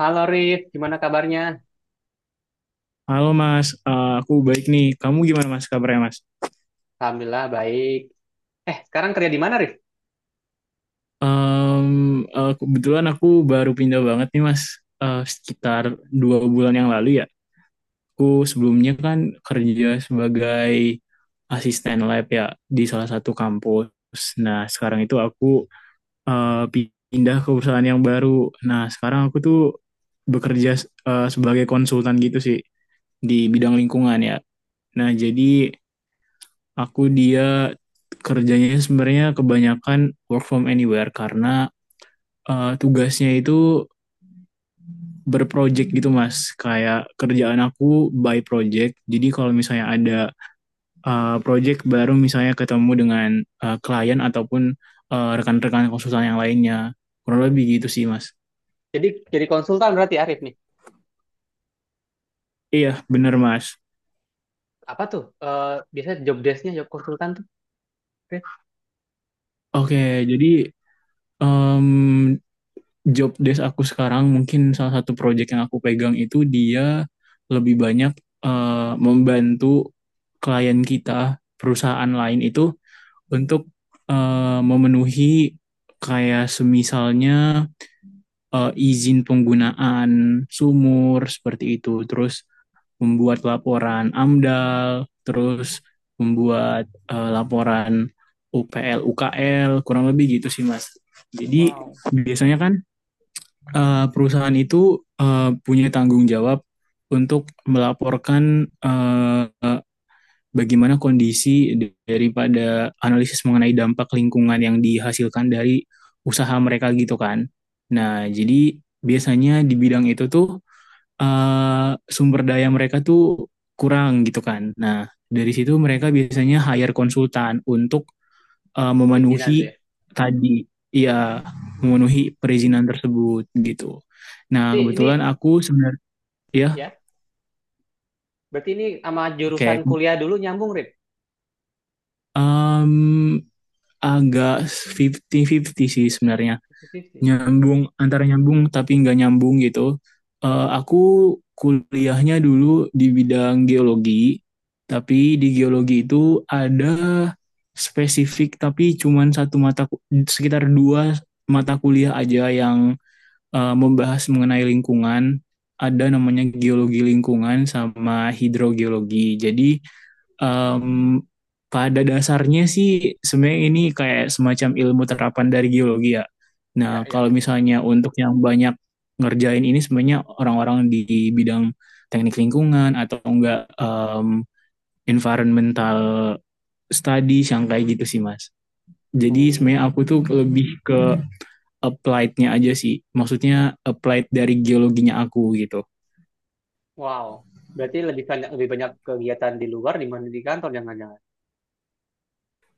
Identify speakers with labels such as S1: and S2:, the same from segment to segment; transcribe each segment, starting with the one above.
S1: Halo Rif, gimana kabarnya?
S2: Halo Mas, aku baik nih. Kamu gimana Mas, kabarnya Mas?
S1: Alhamdulillah baik. Sekarang kerja di mana Rif?
S2: Em, kebetulan aku baru pindah banget nih Mas, sekitar 2 bulan yang lalu ya. Aku sebelumnya kan kerja sebagai asisten lab ya, di salah satu kampus. Nah sekarang itu aku eh, pindah ke perusahaan yang baru. Nah sekarang aku tuh bekerja sebagai konsultan gitu sih, di bidang lingkungan ya. Nah jadi dia kerjanya sebenarnya kebanyakan work from anywhere, karena tugasnya itu berproject gitu Mas. Kayak kerjaan aku by project. Jadi kalau misalnya ada project baru, misalnya ketemu dengan klien ataupun rekan-rekan konsultan yang lainnya. Kurang lebih gitu sih Mas.
S1: Jadi jadi konsultan berarti Arif nih.
S2: Iya, bener Mas.
S1: Apa tuh? Biasanya job desk-nya job konsultan tuh, Rif?
S2: Oke, jadi em, job desk aku sekarang, mungkin salah satu project yang aku pegang itu dia lebih banyak membantu klien kita, perusahaan lain itu untuk memenuhi, kayak semisalnya izin penggunaan sumur seperti itu, terus membuat laporan AMDAL, terus membuat laporan UPL UKL, kurang lebih gitu sih Mas. Jadi
S1: Wow.
S2: biasanya kan perusahaan itu punya tanggung jawab untuk melaporkan bagaimana kondisi daripada analisis mengenai dampak lingkungan yang dihasilkan dari usaha mereka gitu kan. Nah, jadi biasanya di bidang itu tuh sumber daya mereka tuh kurang gitu kan. Nah, dari situ mereka biasanya hire konsultan untuk
S1: Bikinan
S2: memenuhi
S1: tuh ya.
S2: tadi, ya, memenuhi
S1: Hmm.
S2: perizinan tersebut gitu. Nah,
S1: Berarti ini
S2: kebetulan aku sebenarnya ya,
S1: ya, berarti ini sama jurusan
S2: oke,
S1: kuliah dulu nyambung, Rif.
S2: em, agak fifty-fifty sih sebenarnya.
S1: Positif sih.
S2: Nyambung, antara nyambung tapi nggak nyambung gitu. Aku kuliahnya dulu di bidang geologi, tapi di geologi itu ada spesifik, tapi cuman satu mata, sekitar dua mata kuliah aja yang membahas mengenai lingkungan. Ada namanya geologi lingkungan sama hidrogeologi. Jadi em, pada dasarnya sih sebenarnya ini kayak semacam ilmu terapan dari geologi ya.
S1: Ya,
S2: Nah,
S1: ya.
S2: kalau misalnya untuk yang banyak ngerjain ini, sebenarnya orang-orang di bidang teknik lingkungan atau enggak environmental studies yang kayak gitu sih, Mas. Jadi
S1: Oh,
S2: sebenarnya aku tuh lebih ke applied-nya aja sih. Maksudnya applied dari geologinya aku gitu.
S1: wow. Berarti lebih banyak kegiatan di luar dibanding di kantor jangan-jangan.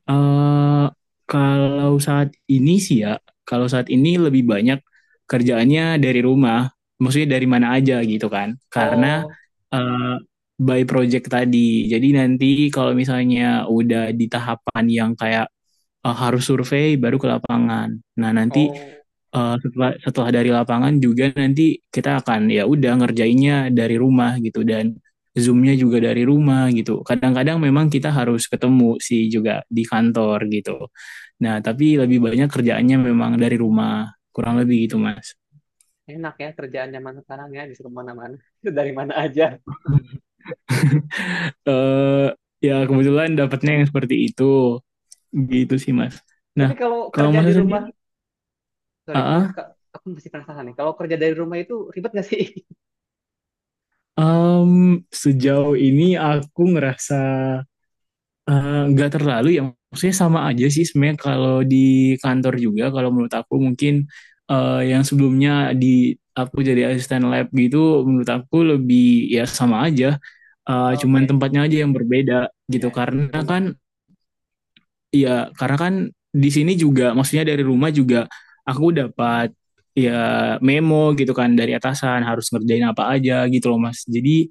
S2: eh Kalau saat ini sih ya, kalau saat ini lebih banyak kerjaannya dari rumah, maksudnya dari mana aja gitu kan. Karena
S1: Oh,
S2: eh, by project tadi. Jadi nanti kalau misalnya udah di tahapan yang kayak harus survei, baru ke lapangan. Nah, nanti
S1: oh,
S2: setelah setelah dari lapangan juga nanti kita akan, ya udah, ngerjainnya dari rumah gitu, dan zoomnya juga dari rumah gitu. Kadang-kadang memang kita harus ketemu sih juga di kantor gitu. Nah, tapi lebih banyak kerjaannya memang dari rumah, kurang lebih gitu, Mas.
S1: enak ya kerjaan zaman sekarang ya bisa kemana-mana dari mana aja.
S2: Eh ya, kebetulan dapatnya yang seperti itu gitu sih, Mas. Nah,
S1: Tapi kalau
S2: kalau
S1: kerja
S2: Mas
S1: di rumah
S2: sendiri,
S1: Sorry,
S2: ah,
S1: Kak, aku masih penasaran nih. Kalau kerja dari rumah itu ribet nggak sih?
S2: ah, sejauh ini aku ngerasa nggak terlalu ya, maksudnya sama aja sih sebenarnya. Kalau di kantor juga, kalau menurut aku mungkin, yang sebelumnya di aku jadi asisten lab gitu, menurut aku lebih, ya, sama aja, cuman
S1: Oke,
S2: tempatnya aja yang berbeda
S1: ya,
S2: gitu. Karena
S1: rumah.
S2: kan, ya, karena kan di sini juga, maksudnya dari rumah juga, aku dapat, ya, memo gitu kan dari atasan, harus ngerjain apa aja gitu loh Mas. Jadi,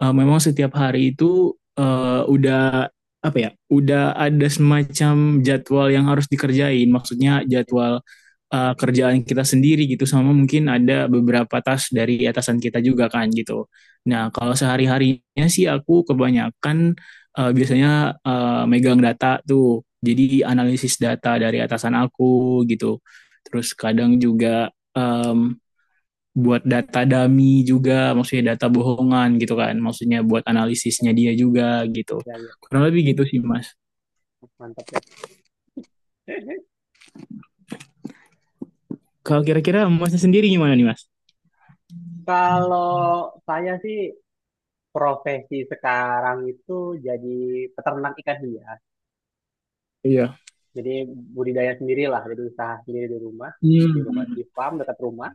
S2: memang setiap hari itu udah, apa ya, udah ada semacam jadwal yang harus dikerjain, maksudnya jadwal kerjaan kita sendiri gitu, sama mungkin ada beberapa tas dari atasan kita juga kan gitu. Nah, kalau sehari harinya sih aku kebanyakan biasanya megang data tuh, jadi analisis data dari atasan aku gitu. Terus kadang juga buat data dummy juga, maksudnya data bohongan gitu kan, maksudnya buat analisisnya dia juga gitu.
S1: Ya, ya,
S2: Kurang lebih gitu sih Mas.
S1: mantap ya.
S2: Kalau kira-kira Masnya sendiri gimana nih Mas?
S1: Kalau saya sih profesi sekarang itu jadi peternak ikan hias.
S2: Iya.
S1: Jadi budidaya sendiri lah, jadi usaha sendiri di rumah, di
S2: Hmm,
S1: farm dekat rumah.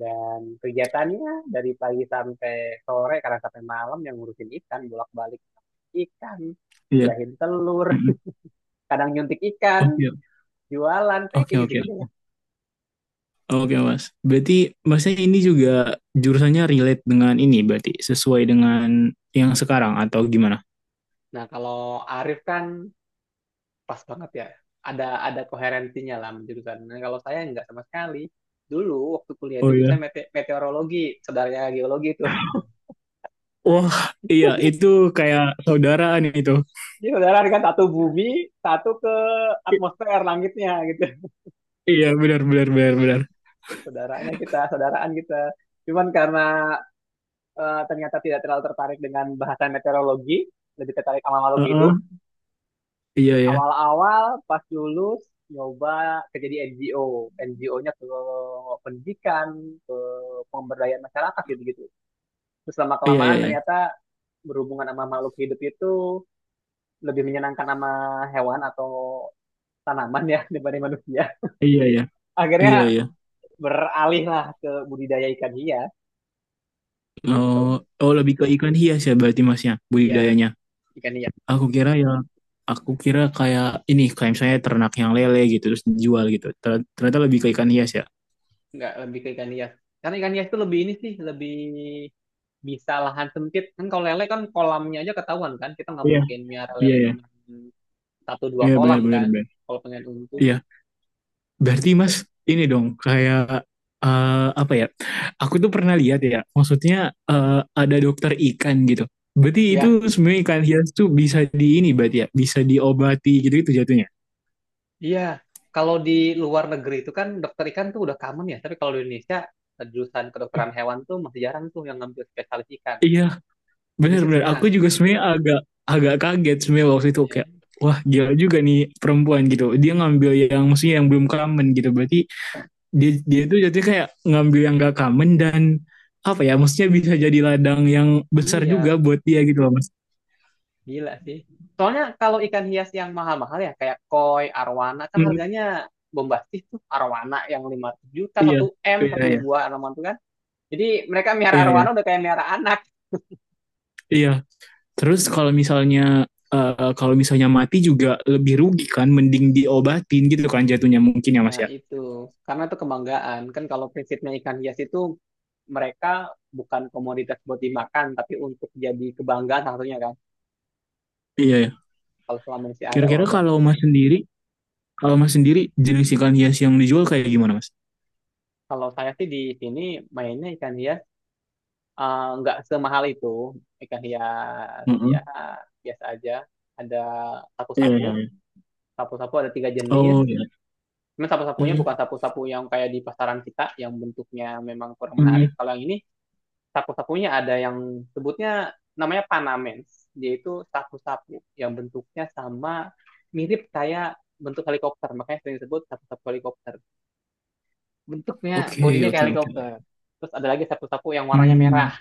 S1: Dan kegiatannya dari pagi sampai sore, kadang sampai malam, yang ngurusin ikan, bolak-balik ikan,
S2: iya.
S1: ngejahin telur,
S2: Mm-mm.
S1: kadang nyuntik ikan.
S2: Oke,
S1: Jualan
S2: oke,
S1: packing
S2: oke,
S1: segitu
S2: oke.
S1: lah.
S2: Oke Mas. Berarti Masnya ini juga jurusannya relate dengan ini, berarti sesuai dengan yang sekarang atau gimana?
S1: Nah, kalau Arif kan pas banget ya. Ada koherensinya lah jurusan. Nah, kalau saya nggak sama sekali. Dulu waktu kuliah itu
S2: Oh iya.
S1: jurusan meteorologi, saudaranya geologi itu.
S2: Wah, iya itu kayak saudaraan itu.
S1: Jadi saudara kan, satu bumi, satu ke
S2: I-
S1: atmosfer langitnya gitu.
S2: iya, benar benar benar benar.
S1: Saudaranya kita, saudaraan kita. Cuman karena ternyata tidak terlalu tertarik dengan bahasan meteorologi, lebih tertarik sama makhluk
S2: Heeh.
S1: hidup.
S2: Iya ya.
S1: Awal-awal pas lulus nyoba kerja di NGO. NGO-nya ke pendidikan, ke pemberdayaan masyarakat, gitu gitu. Terus lama
S2: Iya iya
S1: kelamaan
S2: iya.
S1: ternyata berhubungan sama makhluk hidup itu lebih menyenangkan, sama hewan atau tanaman ya, daripada manusia.
S2: Iya ya.
S1: Akhirnya
S2: Iya iya.
S1: beralih lah ke budidaya ikan hias, gitu.
S2: Oh, oh lebih ke ikan hias ya berarti masnya
S1: Ya,
S2: budidayanya.
S1: ikan hias.
S2: Aku kira ya, aku kira kayak ini, kayak misalnya ternak yang lele gitu terus dijual gitu. Ternyata lebih ke ikan hias ya.
S1: Nggak, lebih ke ikan hias karena ikan hias itu lebih ini sih, lebih bisa lahan sempit kan. Kalau lele kan kolamnya aja ketahuan kan, kita nggak
S2: Iya,
S1: mungkin miara
S2: iya
S1: lele
S2: ya.
S1: cuma satu dua
S2: Iya benar
S1: kolam
S2: benar
S1: kan,
S2: benar.
S1: kalau pengen untung
S2: Iya. Berarti
S1: gitu.
S2: Mas ini dong kayak eh, apa ya? Aku tuh pernah lihat ya, maksudnya ada dokter ikan gitu. Berarti itu
S1: Ya,
S2: sebenarnya ikan hias tuh bisa di ini berarti ya, bisa diobati gitu itu jatuhnya.
S1: iya. Kalau di luar negeri itu kan dokter ikan tuh udah common ya, tapi kalau di Indonesia jurusan kedokteran hewan tuh masih jarang tuh yang ngambil spesialis ikan.
S2: Iya,
S1: Indonesia masih
S2: bener-bener, aku
S1: jarang.
S2: juga sebenarnya agak agak kaget sebenarnya waktu itu,
S1: Ya,
S2: kayak wah, gila juga nih perempuan gitu. Dia ngambil yang, maksudnya yang belum common gitu. Berarti dia dia tuh jatuhnya kayak ngambil yang gak common, dan apa ya, maksudnya bisa jadi ladang yang besar juga
S1: iya,
S2: buat dia gitu loh Mas.
S1: gila sih. Soalnya kalau ikan hias yang mahal-mahal ya kayak koi arwana kan
S2: Hmm,
S1: harganya bombastis tuh. Arwana yang 500 juta
S2: iya.
S1: satu,
S2: Iya
S1: satu
S2: iya.
S1: buah arwana tuh kan. Jadi mereka miara
S2: Iya iya.
S1: arwana udah kayak miara anak.
S2: Iya. Terus kalau misalnya kalau misalnya mati juga lebih rugi kan, mending diobatin gitu kan jatuhnya mungkin, ya Mas
S1: Nah
S2: ya.
S1: itu, karena itu kebanggaan. Kan kalau prinsipnya ikan hias itu, mereka bukan komoditas buat dimakan, tapi untuk jadi kebanggaan salah satunya kan.
S2: Iya ya.
S1: Kalau selama masih ada, wah
S2: Kira-kira
S1: udah.
S2: kalau Mas sendiri Kalau Mas sendiri, jenis ikan hias yang dijual kayak gimana, Mas?
S1: Kalau saya sih di sini mainnya ikan hias, nggak semahal itu. Ikan hias ya
S2: Mm.
S1: biasa aja. Ada
S2: Iya,
S1: sapu-sapu,
S2: iya, iya.
S1: sapu-sapu ada tiga jenis.
S2: Oh ya.
S1: Cuman sapu-sapunya
S2: Hmm.
S1: bukan sapu-sapu yang kayak di pasaran kita, yang bentuknya memang kurang menarik.
S2: Hmm.
S1: Kalau yang ini sapu-sapunya ada yang sebutnya namanya panamens. Yaitu itu sapu-sapu yang bentuknya sama, mirip kayak bentuk helikopter, makanya sering disebut sapu-sapu helikopter. Bentuknya
S2: Oke,
S1: bodinya kayak
S2: oke, oke.
S1: helikopter. Terus ada lagi sapu-sapu yang warnanya
S2: Hmm.
S1: merah,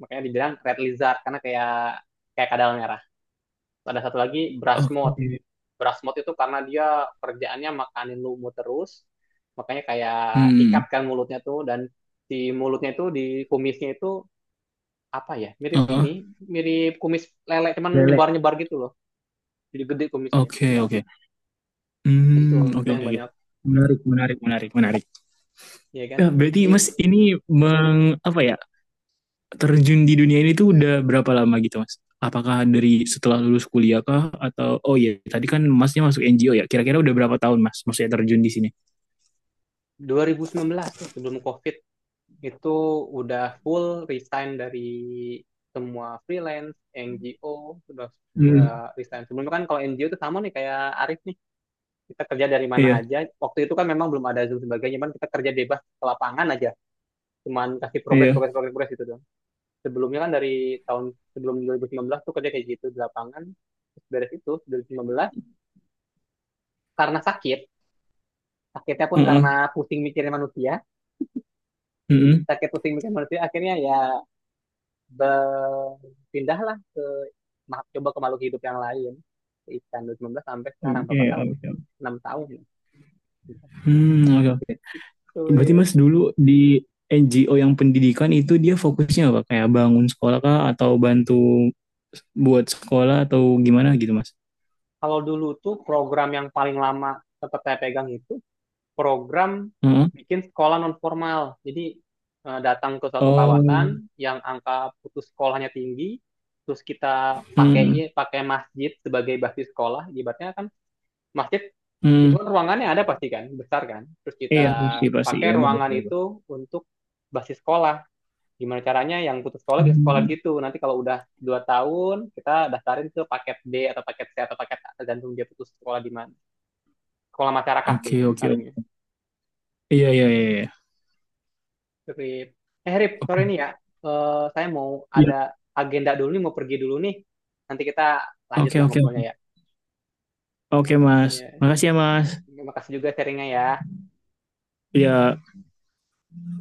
S1: makanya dibilang red lizard, karena kayak kayak kadal merah. Terus ada satu lagi brass mode.
S2: Oke.
S1: Brass mode itu karena dia kerjaannya makanin lumut terus, makanya kayak sikat
S2: Hmm.
S1: kan mulutnya tuh, dan di mulutnya itu di kumisnya itu, apa ya, mirip ini,
S2: Oh,
S1: mirip kumis lele cuman
S2: Lele,
S1: nyebar-nyebar gitu loh, jadi gede kumisnya.
S2: oke, oke.
S1: itu
S2: Hmm,
S1: itu
S2: oke,
S1: yang
S2: oke, oke.
S1: banyak,
S2: Menarik, menarik. Menarik, menarik.
S1: ya kan.
S2: Ya, berarti
S1: Jadi
S2: Mas ini
S1: hmm,
S2: meng apa ya? Terjun di dunia ini tuh udah berapa lama gitu, Mas? Apakah dari setelah lulus kuliah kah, atau oh iya, tadi kan Masnya masuk NGO ya. Kira-kira udah berapa tahun, Mas? Maksudnya terjun di sini?
S1: 2019 tuh sebelum COVID itu udah full resign dari semua freelance NGO, udah udah
S2: Hmm.
S1: resign sebelumnya kan. Kalau NGO itu sama nih kayak Arif nih, kita kerja dari mana
S2: Iya,
S1: aja. Waktu itu kan memang belum ada Zoom sebagainya, cuman kita kerja bebas ke lapangan aja, cuman kasih progres
S2: iya.
S1: progres progres progres gitu doang. Sebelumnya kan dari tahun sebelum 2019 tuh kerja kayak gitu di lapangan. Terus beres itu 2019 karena sakit. Sakitnya pun
S2: Heeh.
S1: karena pusing mikirin manusia,
S2: Mhm.
S1: sakit pusing mikirin manusia, akhirnya ya berpindahlah ke, coba ke makhluk hidup yang lain, ke ikan. 2019 sampai
S2: Oke,
S1: sekarang berapa tahun
S2: oke,
S1: ya,
S2: oke.
S1: 6 tahun ya.
S2: Hmm, oke, oke. Berarti
S1: Cuy,
S2: Mas dulu di NGO yang pendidikan itu dia fokusnya apa? Kayak bangun sekolah kah, atau bantu buat sekolah, atau gimana gitu, Mas?
S1: kalau dulu tuh program yang paling lama sempat saya pegang itu program
S2: Heeh.
S1: bikin sekolah non formal. Jadi datang ke suatu
S2: Oh,
S1: kawasan yang angka putus sekolahnya tinggi, terus kita
S2: hmm,
S1: pakai pakai masjid sebagai basis sekolah. Ibaratnya kan masjid itu
S2: hmm.
S1: kan ruangannya ada pasti kan, besar kan. Terus kita
S2: Iya, pasti, pasti.
S1: pakai
S2: Iya, benar,
S1: ruangan
S2: benar.
S1: itu
S2: Benar.
S1: untuk basis sekolah. Gimana caranya yang putus sekolah bisa sekolah di
S2: Hmm.
S1: situ. Nanti kalau udah 2 tahun, kita daftarin ke paket D atau paket C atau paket A, tergantung dia putus sekolah di mana. Sekolah masyarakat sih,
S2: Oke, oke,
S1: harinya.
S2: oke. Iya, iya, iya. Iya.
S1: Rip. Eh Rip, sorry
S2: Oke.
S1: nih ya. Eh, saya mau
S2: Iya.
S1: ada agenda dulu nih, mau pergi dulu nih. Nanti kita
S2: Oke,
S1: lanjutlah
S2: oke, oke.
S1: ngobrolnya ya.
S2: Oke, Mas.
S1: Ya,
S2: Makasih ya, Mas.
S1: terima kasih juga sharingnya ya.
S2: Iya.